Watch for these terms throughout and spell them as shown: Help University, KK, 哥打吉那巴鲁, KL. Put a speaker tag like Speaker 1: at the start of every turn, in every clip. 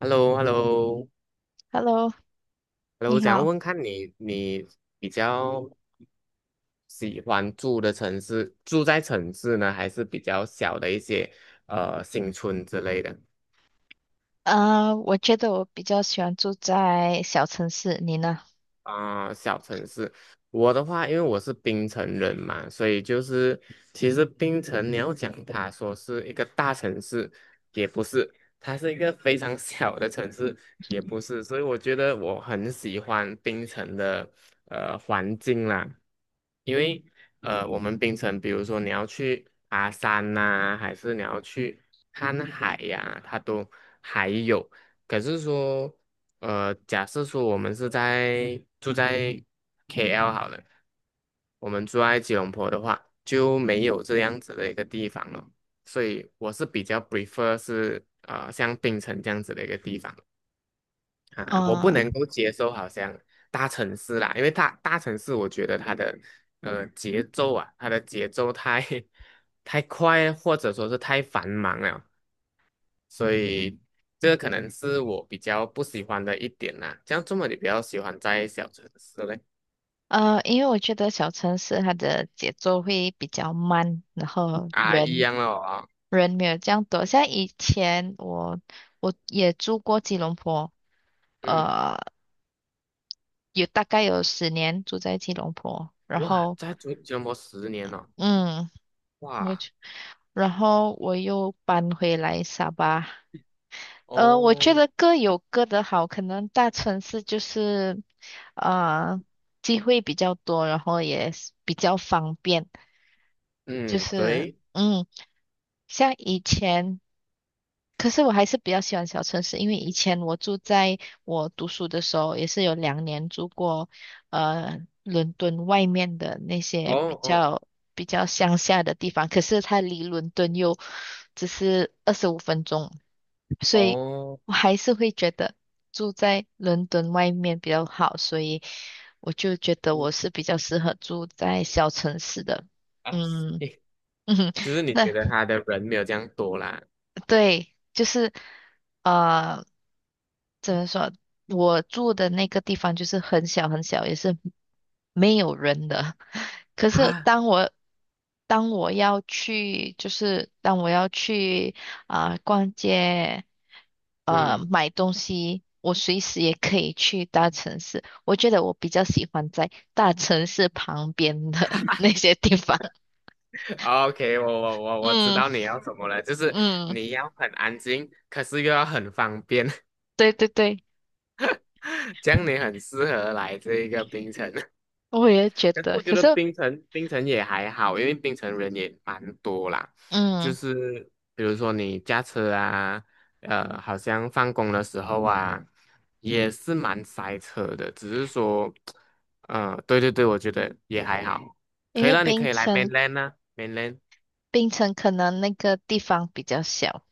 Speaker 1: h e l l o h e l l o h
Speaker 2: Hello，
Speaker 1: e l l o 我
Speaker 2: 你
Speaker 1: 想要
Speaker 2: 好。
Speaker 1: 问看你，你比较喜欢住的城市，住在城市呢，还是比较小的一些新村之类的？
Speaker 2: 我觉得我比较喜欢住在小城市，你呢？
Speaker 1: 啊、小城市，我的话，因为我是槟城人嘛，所以就是其实槟城你要讲它说是一个大城市，也不是，它是一个非常 小的城市，也不是，所以我觉得我很喜欢槟城的环境啦，因为我们槟城，比如说你要去爬山呐、还是你要去看海呀、它都还有。可是说，假设说我们是在住在 KL 好了，我们住在吉隆坡的话，就没有这样子的一个地方了。所以我是比较 prefer 是像槟城这样子的一个地方啊，我不
Speaker 2: 嗯，
Speaker 1: 能够接受好像大城市啦，因为大城市我觉得它的节奏啊，它的节奏太 太快，或者说是太繁忙了，所以这个可能是我比较不喜欢的一点啦。这样这么你比较喜欢在小城市嘞？
Speaker 2: 因为我觉得小城市它的节奏会比较慢，然后
Speaker 1: 啊，一
Speaker 2: 人
Speaker 1: 样了啊。
Speaker 2: 人没有这样多。像以前我也住过吉隆坡，
Speaker 1: 嗯，
Speaker 2: 呃，有大概有10年住在吉隆坡，
Speaker 1: 哇，在吉隆坡十年了、
Speaker 2: 嗯，我
Speaker 1: 哇，
Speaker 2: 就然后我又搬回来沙巴。我觉
Speaker 1: 哦，
Speaker 2: 得各有各的好，可能大城市就是，呃，机会比较多，然后也是比较方便，就
Speaker 1: 嗯，
Speaker 2: 是
Speaker 1: 对，
Speaker 2: 像以前。可是我还是比较喜欢小城市，因为以前我住在我读书的时候，也是有两年住过，伦敦外面的那
Speaker 1: 哦
Speaker 2: 些比
Speaker 1: 哦
Speaker 2: 较比较乡下的地方，可是它离伦敦又只是25分钟，所以
Speaker 1: 哦，
Speaker 2: 我还是会觉得住在伦敦外面比较好，所以我就觉得
Speaker 1: 嗯
Speaker 2: 我是比较适合住在小城市的，
Speaker 1: 啊，
Speaker 2: 嗯。
Speaker 1: 嘿，
Speaker 2: 嗯，
Speaker 1: 就是你觉
Speaker 2: 那
Speaker 1: 得他的人没有这样多啦。
Speaker 2: 对，就是呃，怎么说？我住的那个地方就是很小很小，也是没有人的。可是
Speaker 1: 啊？
Speaker 2: 当我要去，就是当我要去啊、逛街，
Speaker 1: 嗯
Speaker 2: 买东西，我随时也可以去大城市。我觉得我比较喜欢在大城市旁边的 那些地方。
Speaker 1: ，OK，我知
Speaker 2: 嗯
Speaker 1: 道你要什么了，就是
Speaker 2: 嗯，
Speaker 1: 你要很安静，可是又要很方便，
Speaker 2: 对对对，
Speaker 1: 这样你很适合来这一个冰城。
Speaker 2: 我也觉
Speaker 1: 可是
Speaker 2: 得。
Speaker 1: 我觉
Speaker 2: 可
Speaker 1: 得
Speaker 2: 是。
Speaker 1: 槟城也还好，因为槟城人也蛮多啦。就
Speaker 2: 嗯，
Speaker 1: 是比如说你驾车啊，好像放工的时候啊，也是蛮塞车的。只是说，对对对，我觉得也还好。
Speaker 2: 因
Speaker 1: 可以
Speaker 2: 为
Speaker 1: 了，你可
Speaker 2: 槟
Speaker 1: 以来
Speaker 2: 城，
Speaker 1: mainland 啊，mainland。
Speaker 2: 槟城可能那个地方比较小，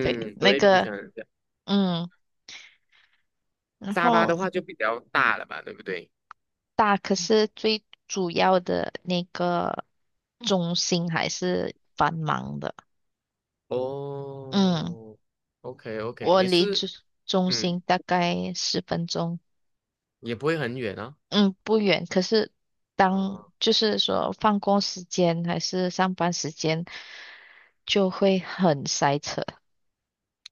Speaker 2: 对，那
Speaker 1: 对，槟
Speaker 2: 个，
Speaker 1: 城人这样。
Speaker 2: 嗯，然
Speaker 1: 沙巴
Speaker 2: 后
Speaker 1: 的话就比较大了吧，对不对？
Speaker 2: 大，可是最主要的那个中心还是繁忙的。嗯，
Speaker 1: 哦，OK OK，
Speaker 2: 我
Speaker 1: 你
Speaker 2: 离
Speaker 1: 是。
Speaker 2: 中心
Speaker 1: 嗯，
Speaker 2: 大概10分钟，
Speaker 1: 也不会很远哦。
Speaker 2: 嗯，不远。可是当
Speaker 1: 哦，
Speaker 2: 就是说放工时间还是上班时间，就会很塞车。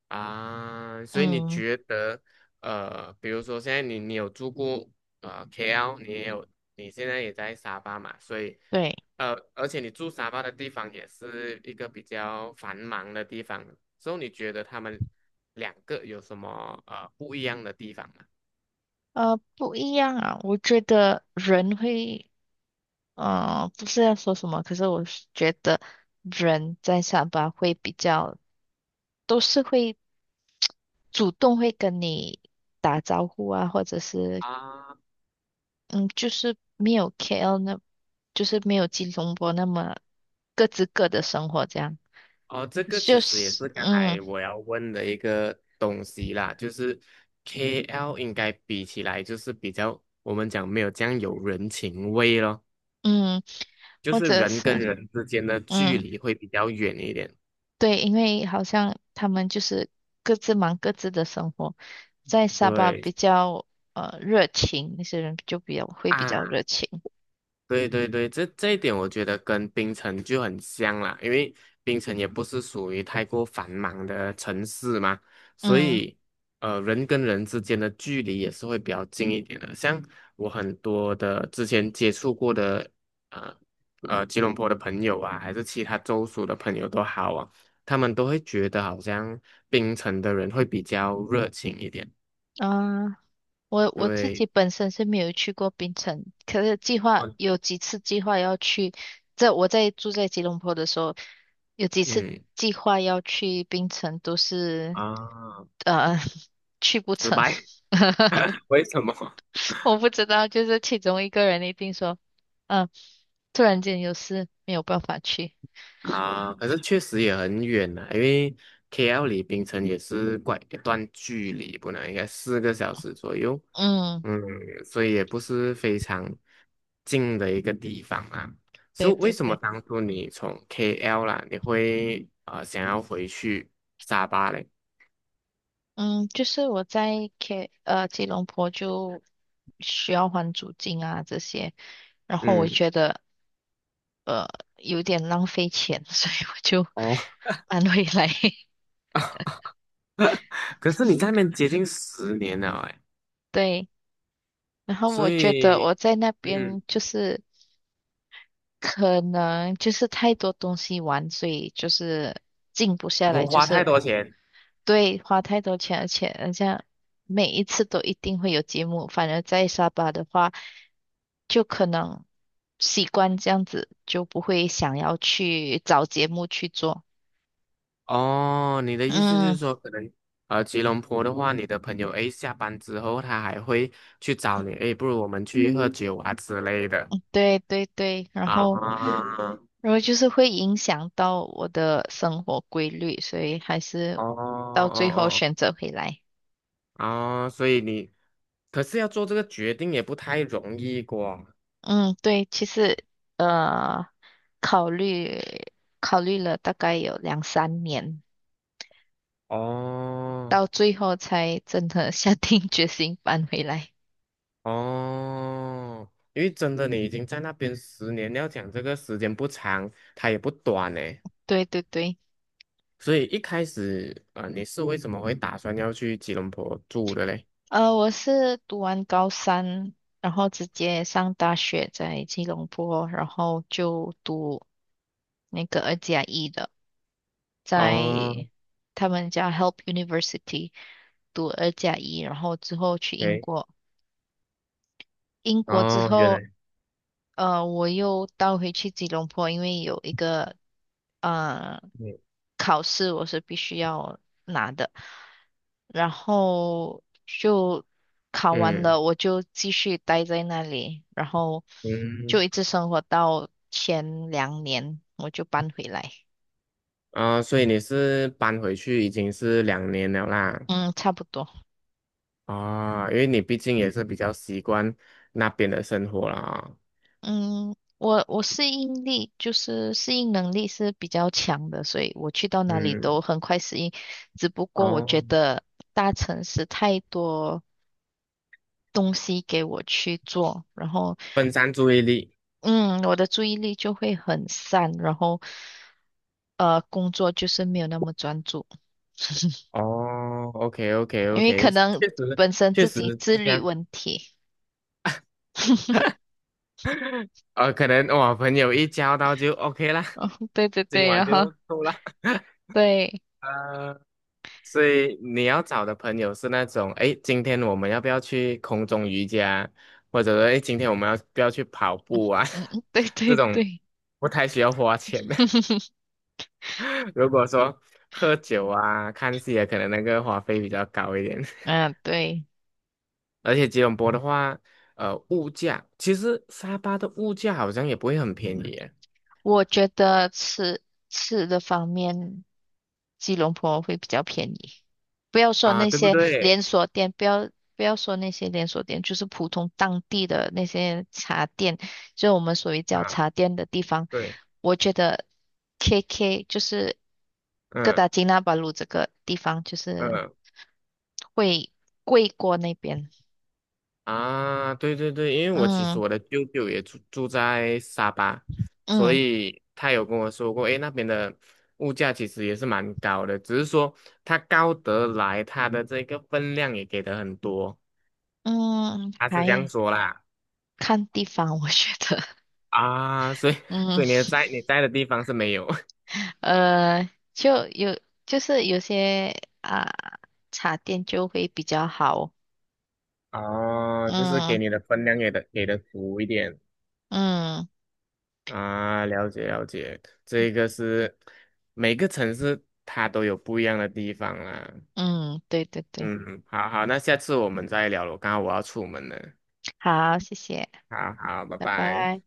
Speaker 1: 啊，所以你
Speaker 2: 嗯，
Speaker 1: 觉得，比如说现在你有住过KL，你也有，你现在也在沙巴嘛，所以，
Speaker 2: 对。
Speaker 1: 而且你住沙巴的地方也是一个比较繁忙的地方，所以你觉得他们两个有什么不一样的地方吗？
Speaker 2: 不一样啊。我觉得人会，不是要说什么，可是我是觉得人在上班会比较，都是会主动会跟你打招呼啊，或者是，
Speaker 1: 啊，
Speaker 2: 嗯，就是没有 KL 那，就是没有吉隆波那么各自各的生活这样，
Speaker 1: 哦，这个其
Speaker 2: 就
Speaker 1: 实也
Speaker 2: 是，
Speaker 1: 是刚才
Speaker 2: 嗯
Speaker 1: 我要问的一个东西啦，就是 KL 应该比起来就是比较，我们讲没有这样有人情味咯。
Speaker 2: 嗯，
Speaker 1: 就
Speaker 2: 或
Speaker 1: 是
Speaker 2: 者
Speaker 1: 人
Speaker 2: 是，
Speaker 1: 跟人之间的距
Speaker 2: 嗯。
Speaker 1: 离会比较远一点。
Speaker 2: 对，因为好像他们就是各自忙各自的生活，在沙巴
Speaker 1: 对
Speaker 2: 比较热情，那些人就比较会比较
Speaker 1: 啊，
Speaker 2: 热情。
Speaker 1: 对对对，这一点我觉得跟槟城就很像啦，因为槟城也不是属于太过繁忙的城市嘛，所
Speaker 2: 嗯
Speaker 1: 以人跟人之间的距离也是会比较近一点的。像我很多的之前接触过的呃吉隆坡的朋友啊，还是其他州属的朋友都好啊，他们都会觉得好像槟城的人会比较热情一点。
Speaker 2: 啊，我自
Speaker 1: 对，
Speaker 2: 己本身是没有去过槟城，可是计划
Speaker 1: 哦，
Speaker 2: 有几次计划要去。这我在住在吉隆坡的时候，有几次
Speaker 1: 嗯，
Speaker 2: 计划要去槟城，都是
Speaker 1: 啊，
Speaker 2: 呃 去不
Speaker 1: 失
Speaker 2: 成。
Speaker 1: 白，为什么？
Speaker 2: 我不知道，就是其中一个人一定说。嗯。突然间有事没有办法去。
Speaker 1: 啊，可是确实也很远呢、因为 KL 离槟城也是怪一段距离，不能应该四个小时左右，
Speaker 2: 嗯，
Speaker 1: 嗯，所以也不是非常近的一个地方啊。所
Speaker 2: 对
Speaker 1: 以为
Speaker 2: 对
Speaker 1: 什么
Speaker 2: 对，
Speaker 1: 当初你从 KL 啦，你会想要回去沙巴嘞？
Speaker 2: 嗯，就是我在 吉隆坡就需要还租金啊这些，然后我
Speaker 1: 嗯，
Speaker 2: 觉得呃有点浪费钱，所以我就
Speaker 1: 哦，
Speaker 2: 搬回来。
Speaker 1: 可是你在那边接近十年了哎，
Speaker 2: 对，然后我
Speaker 1: 所
Speaker 2: 觉得
Speaker 1: 以
Speaker 2: 我在那
Speaker 1: 嗯，
Speaker 2: 边就是可能就是太多东西玩，所以就是静不下
Speaker 1: 我
Speaker 2: 来，就
Speaker 1: 花太
Speaker 2: 是。
Speaker 1: 多钱。
Speaker 2: 对，花太多钱，而且人家每一次都一定会有节目，反而在沙巴的话，就可能习惯这样子，就不会想要去找节目去做。
Speaker 1: 哦，你的意思就
Speaker 2: 嗯，
Speaker 1: 是说，可能吉隆坡的话，你的朋友 A 下班之后，他还会去找你，诶，不如我们去喝酒啊之类的
Speaker 2: 对对对，然
Speaker 1: 啊。
Speaker 2: 后
Speaker 1: 哦
Speaker 2: 就是会影响到我的生活规律，所以还是到最后
Speaker 1: 哦
Speaker 2: 选择回来。
Speaker 1: 哦哦，所以你。可是要做这个决定也不太容易过。
Speaker 2: 嗯，对，其实呃，考虑考虑了大概有两三年，
Speaker 1: 哦
Speaker 2: 到最后才真的 下定决心搬回来。
Speaker 1: 哦，因为真的你已经在那边十年，要讲这个时间不长，它也不短呢。
Speaker 2: 对对对，
Speaker 1: 所以一开始，你是为什么会打算要去吉隆坡住的嘞？
Speaker 2: 我是读完高三，然后直接上大学，在吉隆坡，然后就读那个二加一的，在
Speaker 1: 哦
Speaker 2: 他们家 Help University 读二加一，然后之后去英
Speaker 1: ，OK，
Speaker 2: 国，英国之
Speaker 1: 哦，原
Speaker 2: 后，
Speaker 1: 来，
Speaker 2: 我又倒回去吉隆坡，因为有一个。呃
Speaker 1: 嗯
Speaker 2: 考试我是必须要拿的，然后就考完
Speaker 1: 嗯
Speaker 2: 了，我就继续待在那里，然后
Speaker 1: 嗯，
Speaker 2: 就一直生活到前两年，我就搬回来。
Speaker 1: 啊、所以你是搬回去已经是两年了啦，
Speaker 2: 嗯，差不多。
Speaker 1: 啊、因为你毕竟也是比较习惯那边的生活啦，
Speaker 2: 嗯，我适应力就是适应能力是比较强的，所以我去到哪里
Speaker 1: 嗯，
Speaker 2: 都很快适应。只不过我觉
Speaker 1: 哦，
Speaker 2: 得大城市太多东西给我去做，然后
Speaker 1: 分散注意力，
Speaker 2: 嗯，我的注意力就会很散，然后工作就是没有那么专注，
Speaker 1: 哦，OK OK
Speaker 2: 因为可
Speaker 1: OK，
Speaker 2: 能
Speaker 1: 确实
Speaker 2: 本身
Speaker 1: 确
Speaker 2: 自
Speaker 1: 实
Speaker 2: 己自
Speaker 1: 是这
Speaker 2: 律
Speaker 1: 样，
Speaker 2: 问题。
Speaker 1: 可能我朋友一交到就 OK 啦，
Speaker 2: 哦，对对
Speaker 1: 今
Speaker 2: 对，
Speaker 1: 晚
Speaker 2: 然后
Speaker 1: 就够了，
Speaker 2: 对，
Speaker 1: 呃所以你要找的朋友是那种，哎，今天我们要不要去空中瑜伽，或者说，哎，今天我们要不要去跑步啊？
Speaker 2: 嗯，对
Speaker 1: 这
Speaker 2: 对
Speaker 1: 种
Speaker 2: 对，
Speaker 1: 不太需要花钱的。如果说喝酒啊、看戏啊，可能那个花费比较高一点。
Speaker 2: 嗯，对。
Speaker 1: 而且吉隆坡的话，物价其实沙巴的物价好像也不会很便宜耶。
Speaker 2: 我觉得吃的方面，吉隆坡会比较便宜。不要说
Speaker 1: 啊，
Speaker 2: 那
Speaker 1: 对不
Speaker 2: 些
Speaker 1: 对？
Speaker 2: 连锁店，不要说那些连锁店，就是普通当地的那些茶店，就我们所谓叫
Speaker 1: 啊，
Speaker 2: 茶店的地方，
Speaker 1: 对，
Speaker 2: 我觉得 KK 就是哥
Speaker 1: 嗯
Speaker 2: 打吉那巴鲁这个地方，就是
Speaker 1: 嗯。
Speaker 2: 会贵过那边。
Speaker 1: 啊，对对对，因为我其实
Speaker 2: 嗯
Speaker 1: 我的舅舅也住在沙巴，所
Speaker 2: 嗯
Speaker 1: 以他有跟我说过，诶，那边的物价其实也是蛮高的，只是说它高得来，它的这个分量也给的很多，
Speaker 2: 嗯，
Speaker 1: 他是这样
Speaker 2: 还
Speaker 1: 说啦。
Speaker 2: 看地方，我觉得，
Speaker 1: 啊，所以
Speaker 2: 嗯。
Speaker 1: 在你在的地方是没有。
Speaker 2: 呃，就有就是有些啊、茶店就会比较好。
Speaker 1: 哦，就是给
Speaker 2: 嗯
Speaker 1: 你的分量给的足一点。
Speaker 2: 嗯
Speaker 1: 啊，了解了解，这个是每个城市它都有不一样的地方啦。
Speaker 2: 嗯，对对对，
Speaker 1: 嗯，好好，那下次我们再聊了，刚刚我要出门了，
Speaker 2: 好，谢谢，
Speaker 1: 好好，拜
Speaker 2: 拜
Speaker 1: 拜。
Speaker 2: 拜。